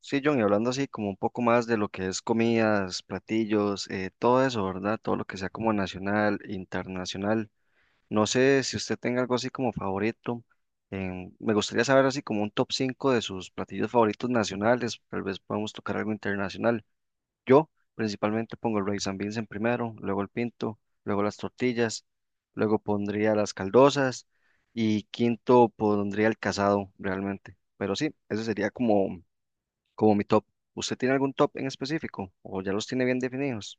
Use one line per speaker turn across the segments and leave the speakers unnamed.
Sí, John, y hablando así como un poco más de lo que es comidas, platillos, todo eso, ¿verdad? Todo lo que sea como nacional, internacional. No sé si usted tenga algo así como favorito. Me gustaría saber así como un top 5 de sus platillos favoritos nacionales. Tal vez podamos tocar algo internacional. Yo principalmente pongo el rice and beans en primero, luego el pinto, luego las tortillas, luego pondría las caldosas y quinto pondría el casado realmente. Pero sí, eso sería como. Como mi top. ¿Usted tiene algún top en específico o ya los tiene bien definidos?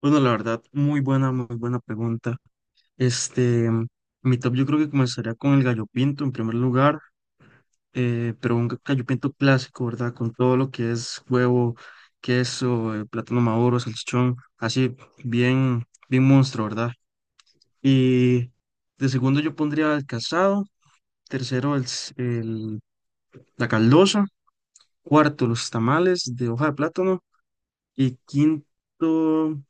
Bueno, la verdad, muy buena pregunta. Este, mi top yo creo que comenzaría con el gallo pinto en primer lugar, pero gallo pinto clásico, ¿verdad? Con todo lo que es huevo, queso, plátano maduro, salchichón, así bien monstruo, ¿verdad? Y de segundo yo pondría el casado, tercero la caldosa, cuarto los tamales de hoja de plátano y quinto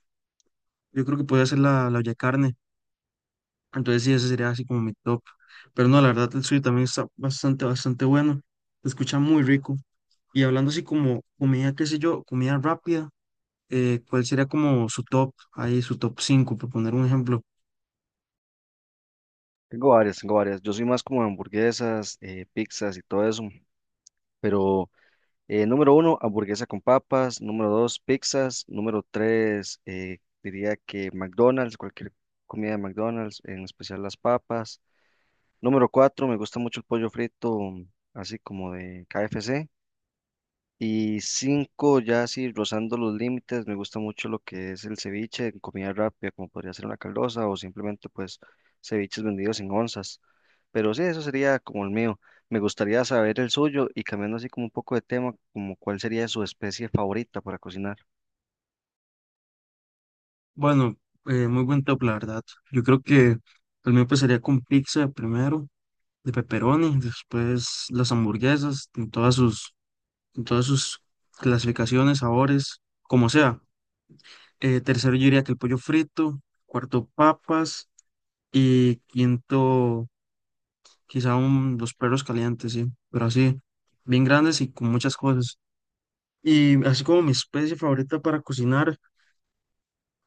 yo creo que podría ser la olla de carne. Entonces sí, ese sería así como mi top. Pero no, la verdad el suyo también está bastante bueno. Se escucha muy rico. Y hablando así como comida, qué sé yo, comida rápida, ¿cuál sería como su top? Ahí su top cinco por poner un ejemplo.
Tengo varias, tengo varias. Yo soy más como de hamburguesas, pizzas y todo eso. Pero número uno, hamburguesa con papas. Número dos, pizzas. Número tres, diría que McDonald's, cualquier comida de McDonald's, en especial las papas. Número cuatro, me gusta mucho el pollo frito, así como de KFC. Y cinco, ya así rozando los límites, me gusta mucho lo que es el ceviche en comida rápida, como podría ser una caldosa o simplemente pues ceviches vendidos en onzas. Pero sí, eso sería como el mío. Me gustaría saber el suyo y cambiando así como un poco de tema, como cuál sería su especie favorita para cocinar.
Bueno, muy buen top, la verdad. Yo creo que el mío empezaría con pizza de primero, de pepperoni, después las hamburguesas, en todas sus clasificaciones, sabores, como sea. Tercero yo diría que el pollo frito, cuarto papas. Y quinto, quizá los perros calientes, sí, pero así, bien grandes y con muchas cosas. Y así como mi especie favorita para cocinar,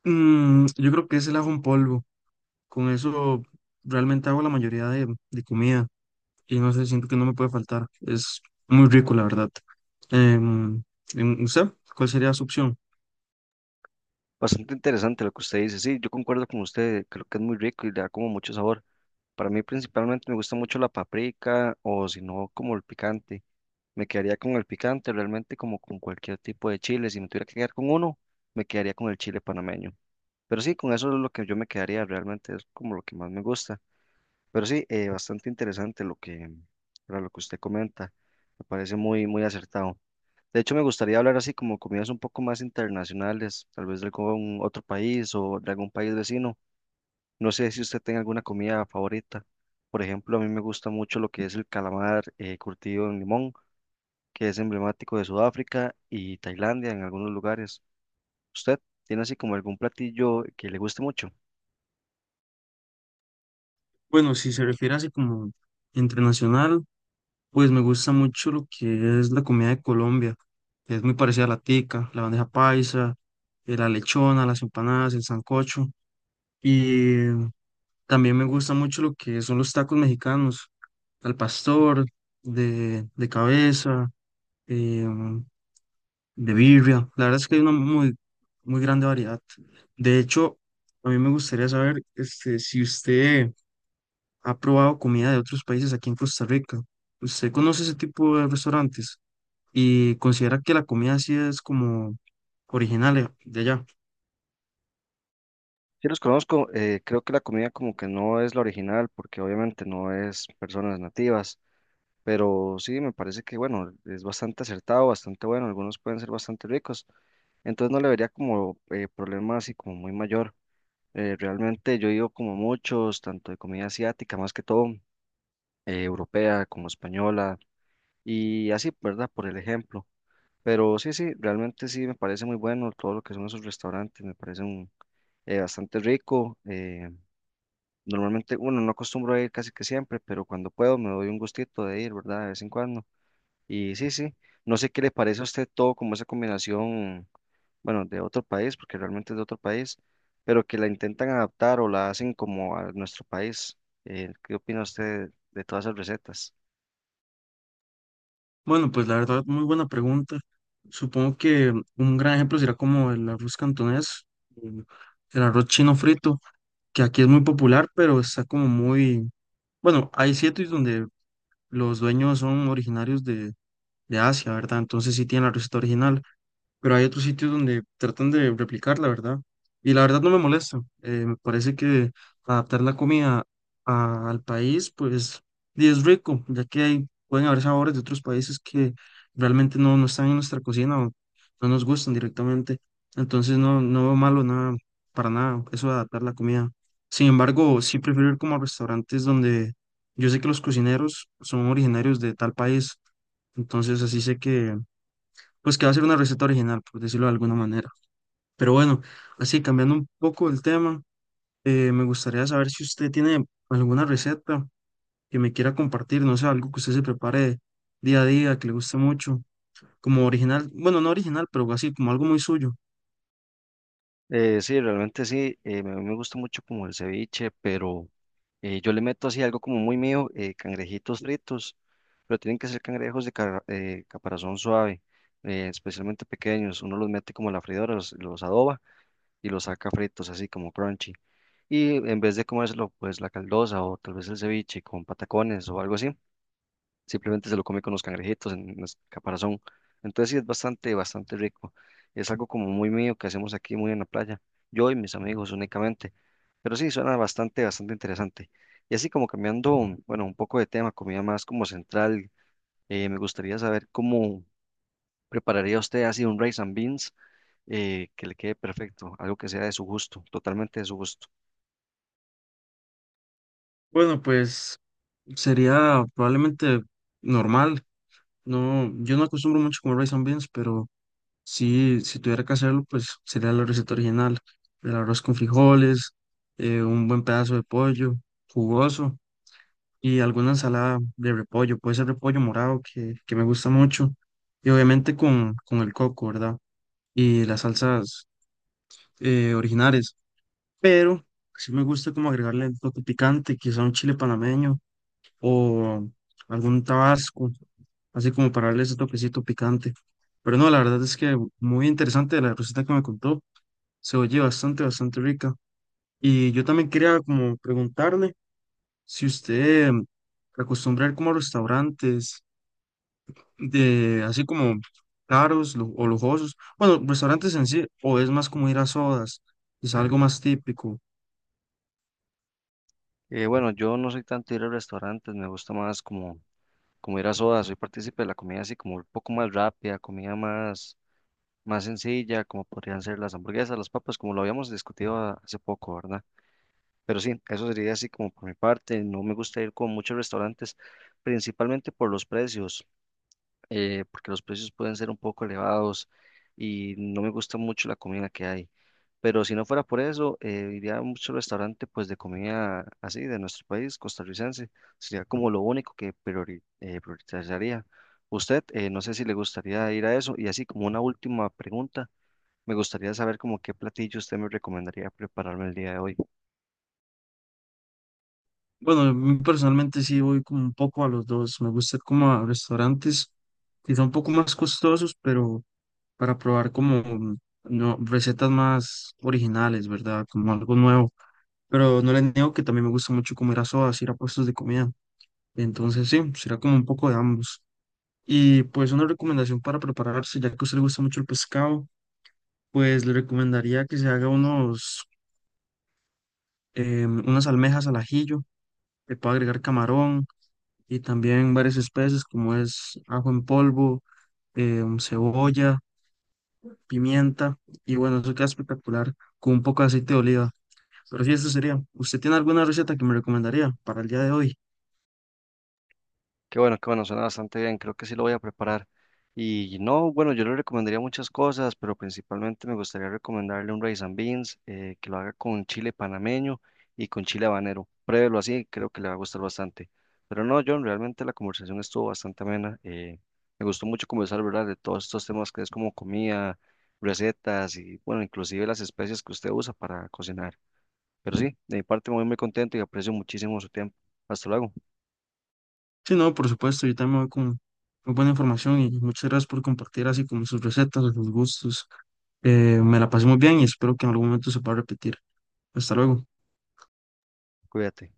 yo creo que es el ajo en polvo. Con eso realmente hago la mayoría de comida y no sé, siento que no me puede faltar. Es muy rico, la verdad. Em, ¿Usted cuál sería su opción?
Bastante interesante lo que usted dice. Sí, yo concuerdo con usted, creo que es muy rico y le da como mucho sabor. Para mí principalmente me gusta mucho la paprika o si no como el picante. Me quedaría con el picante, realmente como con cualquier tipo de chile. Si me tuviera que quedar con uno, me quedaría con el chile panameño. Pero sí, con eso es lo que yo me quedaría, realmente es como lo que más me gusta. Pero sí, bastante interesante para lo que usted comenta. Me parece muy, muy acertado. De hecho, me gustaría hablar así como comidas un poco más internacionales, tal vez de algún otro país o de algún país vecino. No sé si usted tenga alguna comida favorita. Por ejemplo, a mí me gusta mucho lo que es el calamar curtido en limón que es emblemático de Sudáfrica y Tailandia en algunos lugares. ¿Usted tiene así como algún platillo que le guste mucho?
Bueno, si se refiere así como internacional, pues me gusta mucho lo que es la comida de Colombia, que es muy parecida a la tica, la bandeja paisa, la lechona, las empanadas, el sancocho. Y también me gusta mucho lo que son los tacos mexicanos, al pastor, de cabeza, em, de birria. La verdad es que hay una muy grande variedad. De hecho, a mí me gustaría saber este, si usted ha probado comida de otros países aquí en Costa Rica. ¿Usted conoce ese tipo de restaurantes y considera que la comida así es como original de allá?
Sí, los conozco. Creo que la comida como que no es la original porque obviamente no es personas nativas, pero sí me parece que bueno, es bastante acertado, bastante bueno. Algunos pueden ser bastante ricos, entonces no le vería como problema así como muy mayor. Realmente yo he ido como muchos, tanto de comida asiática más que todo, europea como española y así, ¿verdad? Por el ejemplo. Pero sí, sí, realmente sí me parece muy bueno todo lo que son esos restaurantes, me parece bastante rico. Normalmente, bueno, no acostumbro a ir casi que siempre, pero cuando puedo me doy un gustito de ir, ¿verdad? De vez en cuando. Y sí, sí, no sé qué le parece a usted todo como esa combinación, bueno, de otro país, porque realmente es de otro país, pero que la intentan adaptar o la hacen como a nuestro país. ¿Qué opina usted de todas esas recetas?
Bueno, pues la verdad, muy buena pregunta. Supongo que un gran ejemplo será como el arroz cantonés, el el arroz chino frito, que aquí es muy popular, pero está como muy... Bueno, hay sitios donde los dueños son originarios de Asia, ¿verdad? Entonces sí tienen la receta original, pero hay otros sitios donde tratan de replicar la verdad. Y la verdad no me molesta. Me parece que adaptar la comida al país, pues, y es rico, ya que hay, pueden haber sabores de otros países que realmente no están en nuestra cocina o no nos gustan directamente. Entonces no veo malo nada, para nada, eso de adaptar la comida. Sin embargo, sí prefiero ir como a restaurantes donde yo sé que los cocineros son originarios de tal país. Entonces así sé que pues que va a ser una receta original, por decirlo de alguna manera. Pero bueno, así cambiando un poco el tema, me gustaría saber si usted tiene alguna receta que me quiera compartir, no sé, algo que usted se prepare día a día, que le guste mucho, como original, bueno, no original, pero así, como algo muy suyo.
Sí, realmente sí, a mí me gusta mucho como el ceviche, pero yo le meto así algo como muy mío, cangrejitos fritos, pero tienen que ser cangrejos de caparazón suave, especialmente pequeños, uno los mete como a la freidora, los adoba y los saca fritos así como crunchy, y en vez de comérselo pues la caldosa o tal vez el ceviche con patacones o algo así, simplemente se lo come con los cangrejitos en el caparazón. Entonces sí es bastante, bastante rico. Es algo como muy mío que hacemos aquí muy en la playa, yo y mis amigos únicamente. Pero sí, suena bastante, bastante interesante. Y así como cambiando, bueno, un poco de tema, comida más como central, me gustaría saber cómo prepararía usted así un rice and beans que le quede perfecto, algo que sea de su gusto, totalmente de su gusto.
Bueno, pues sería probablemente normal, no, yo no acostumbro mucho comer rice and beans, pero... Sí, si tuviera que hacerlo, pues sería la receta original. El arroz con frijoles, un buen pedazo de pollo jugoso y alguna ensalada de repollo. Puede ser repollo morado, que me gusta mucho. Y obviamente con el coco, ¿verdad? Y las salsas originales. Pero sí me gusta como agregarle el toque picante, quizá un chile panameño o algún tabasco, así como para darle ese toquecito picante. Pero no, la verdad es que muy interesante la receta que me contó. Se oye bastante, bastante rica. Y yo también quería como preguntarle si usted acostumbra ir como a restaurantes de así como o lujosos. Bueno, restaurantes en sí, o es más como ir a sodas, es algo más típico.
Bueno, yo no soy tanto de ir a restaurantes, me gusta más como ir a soda, soy partícipe de la comida así como un poco más rápida, comida más sencilla, como podrían ser las hamburguesas, las papas, como lo habíamos discutido hace poco, ¿verdad? Pero sí, eso sería así como por mi parte, no me gusta ir con muchos restaurantes, principalmente por los precios porque los precios pueden ser un poco elevados y no me gusta mucho la comida que hay. Pero si no fuera por eso, iría a mucho restaurante pues de comida así de nuestro país, costarricense. Sería como lo único que priorizaría. Usted, no sé si le gustaría ir a eso. Y así como una última pregunta, me gustaría saber como qué platillo usted me recomendaría prepararme el día de hoy.
Bueno, a mí personalmente sí voy como un poco a los dos. Me gusta ir como a restaurantes quizá un poco más costosos, pero para probar como no, recetas más originales, ¿verdad? Como algo nuevo. Pero no les niego que también me gusta mucho comer a sodas, ir a puestos de comida. Entonces, sí, será como un poco de ambos. Y pues una recomendación para prepararse, ya que a usted le gusta mucho el pescado, pues le recomendaría que se haga unas almejas al ajillo, le puede agregar camarón y también varias especies como es ajo en polvo, cebolla, pimienta. Y bueno, eso queda espectacular con un poco de aceite de oliva. Pero sí, eso sería. ¿Usted tiene alguna receta que me recomendaría para el día de hoy?
Qué bueno, suena bastante bien, creo que sí lo voy a preparar. Y no, bueno, yo le recomendaría muchas cosas, pero principalmente me gustaría recomendarle un rice and beans, que lo haga con chile panameño y con chile habanero. Pruébelo así, creo que le va a gustar bastante. Pero no, John, realmente la conversación estuvo bastante amena. Me gustó mucho conversar, ¿verdad? De todos estos temas que es como comida, recetas y, bueno, inclusive las especias que usted usa para cocinar. Pero sí, de mi parte muy, muy contento y aprecio muchísimo su tiempo. Hasta luego,
Sí, no, por supuesto, yo también voy con muy buena información y muchas gracias por compartir así como sus recetas, sus gustos. Me la pasé muy bien y espero que en algún momento se pueda repetir. Hasta luego.
cuídate.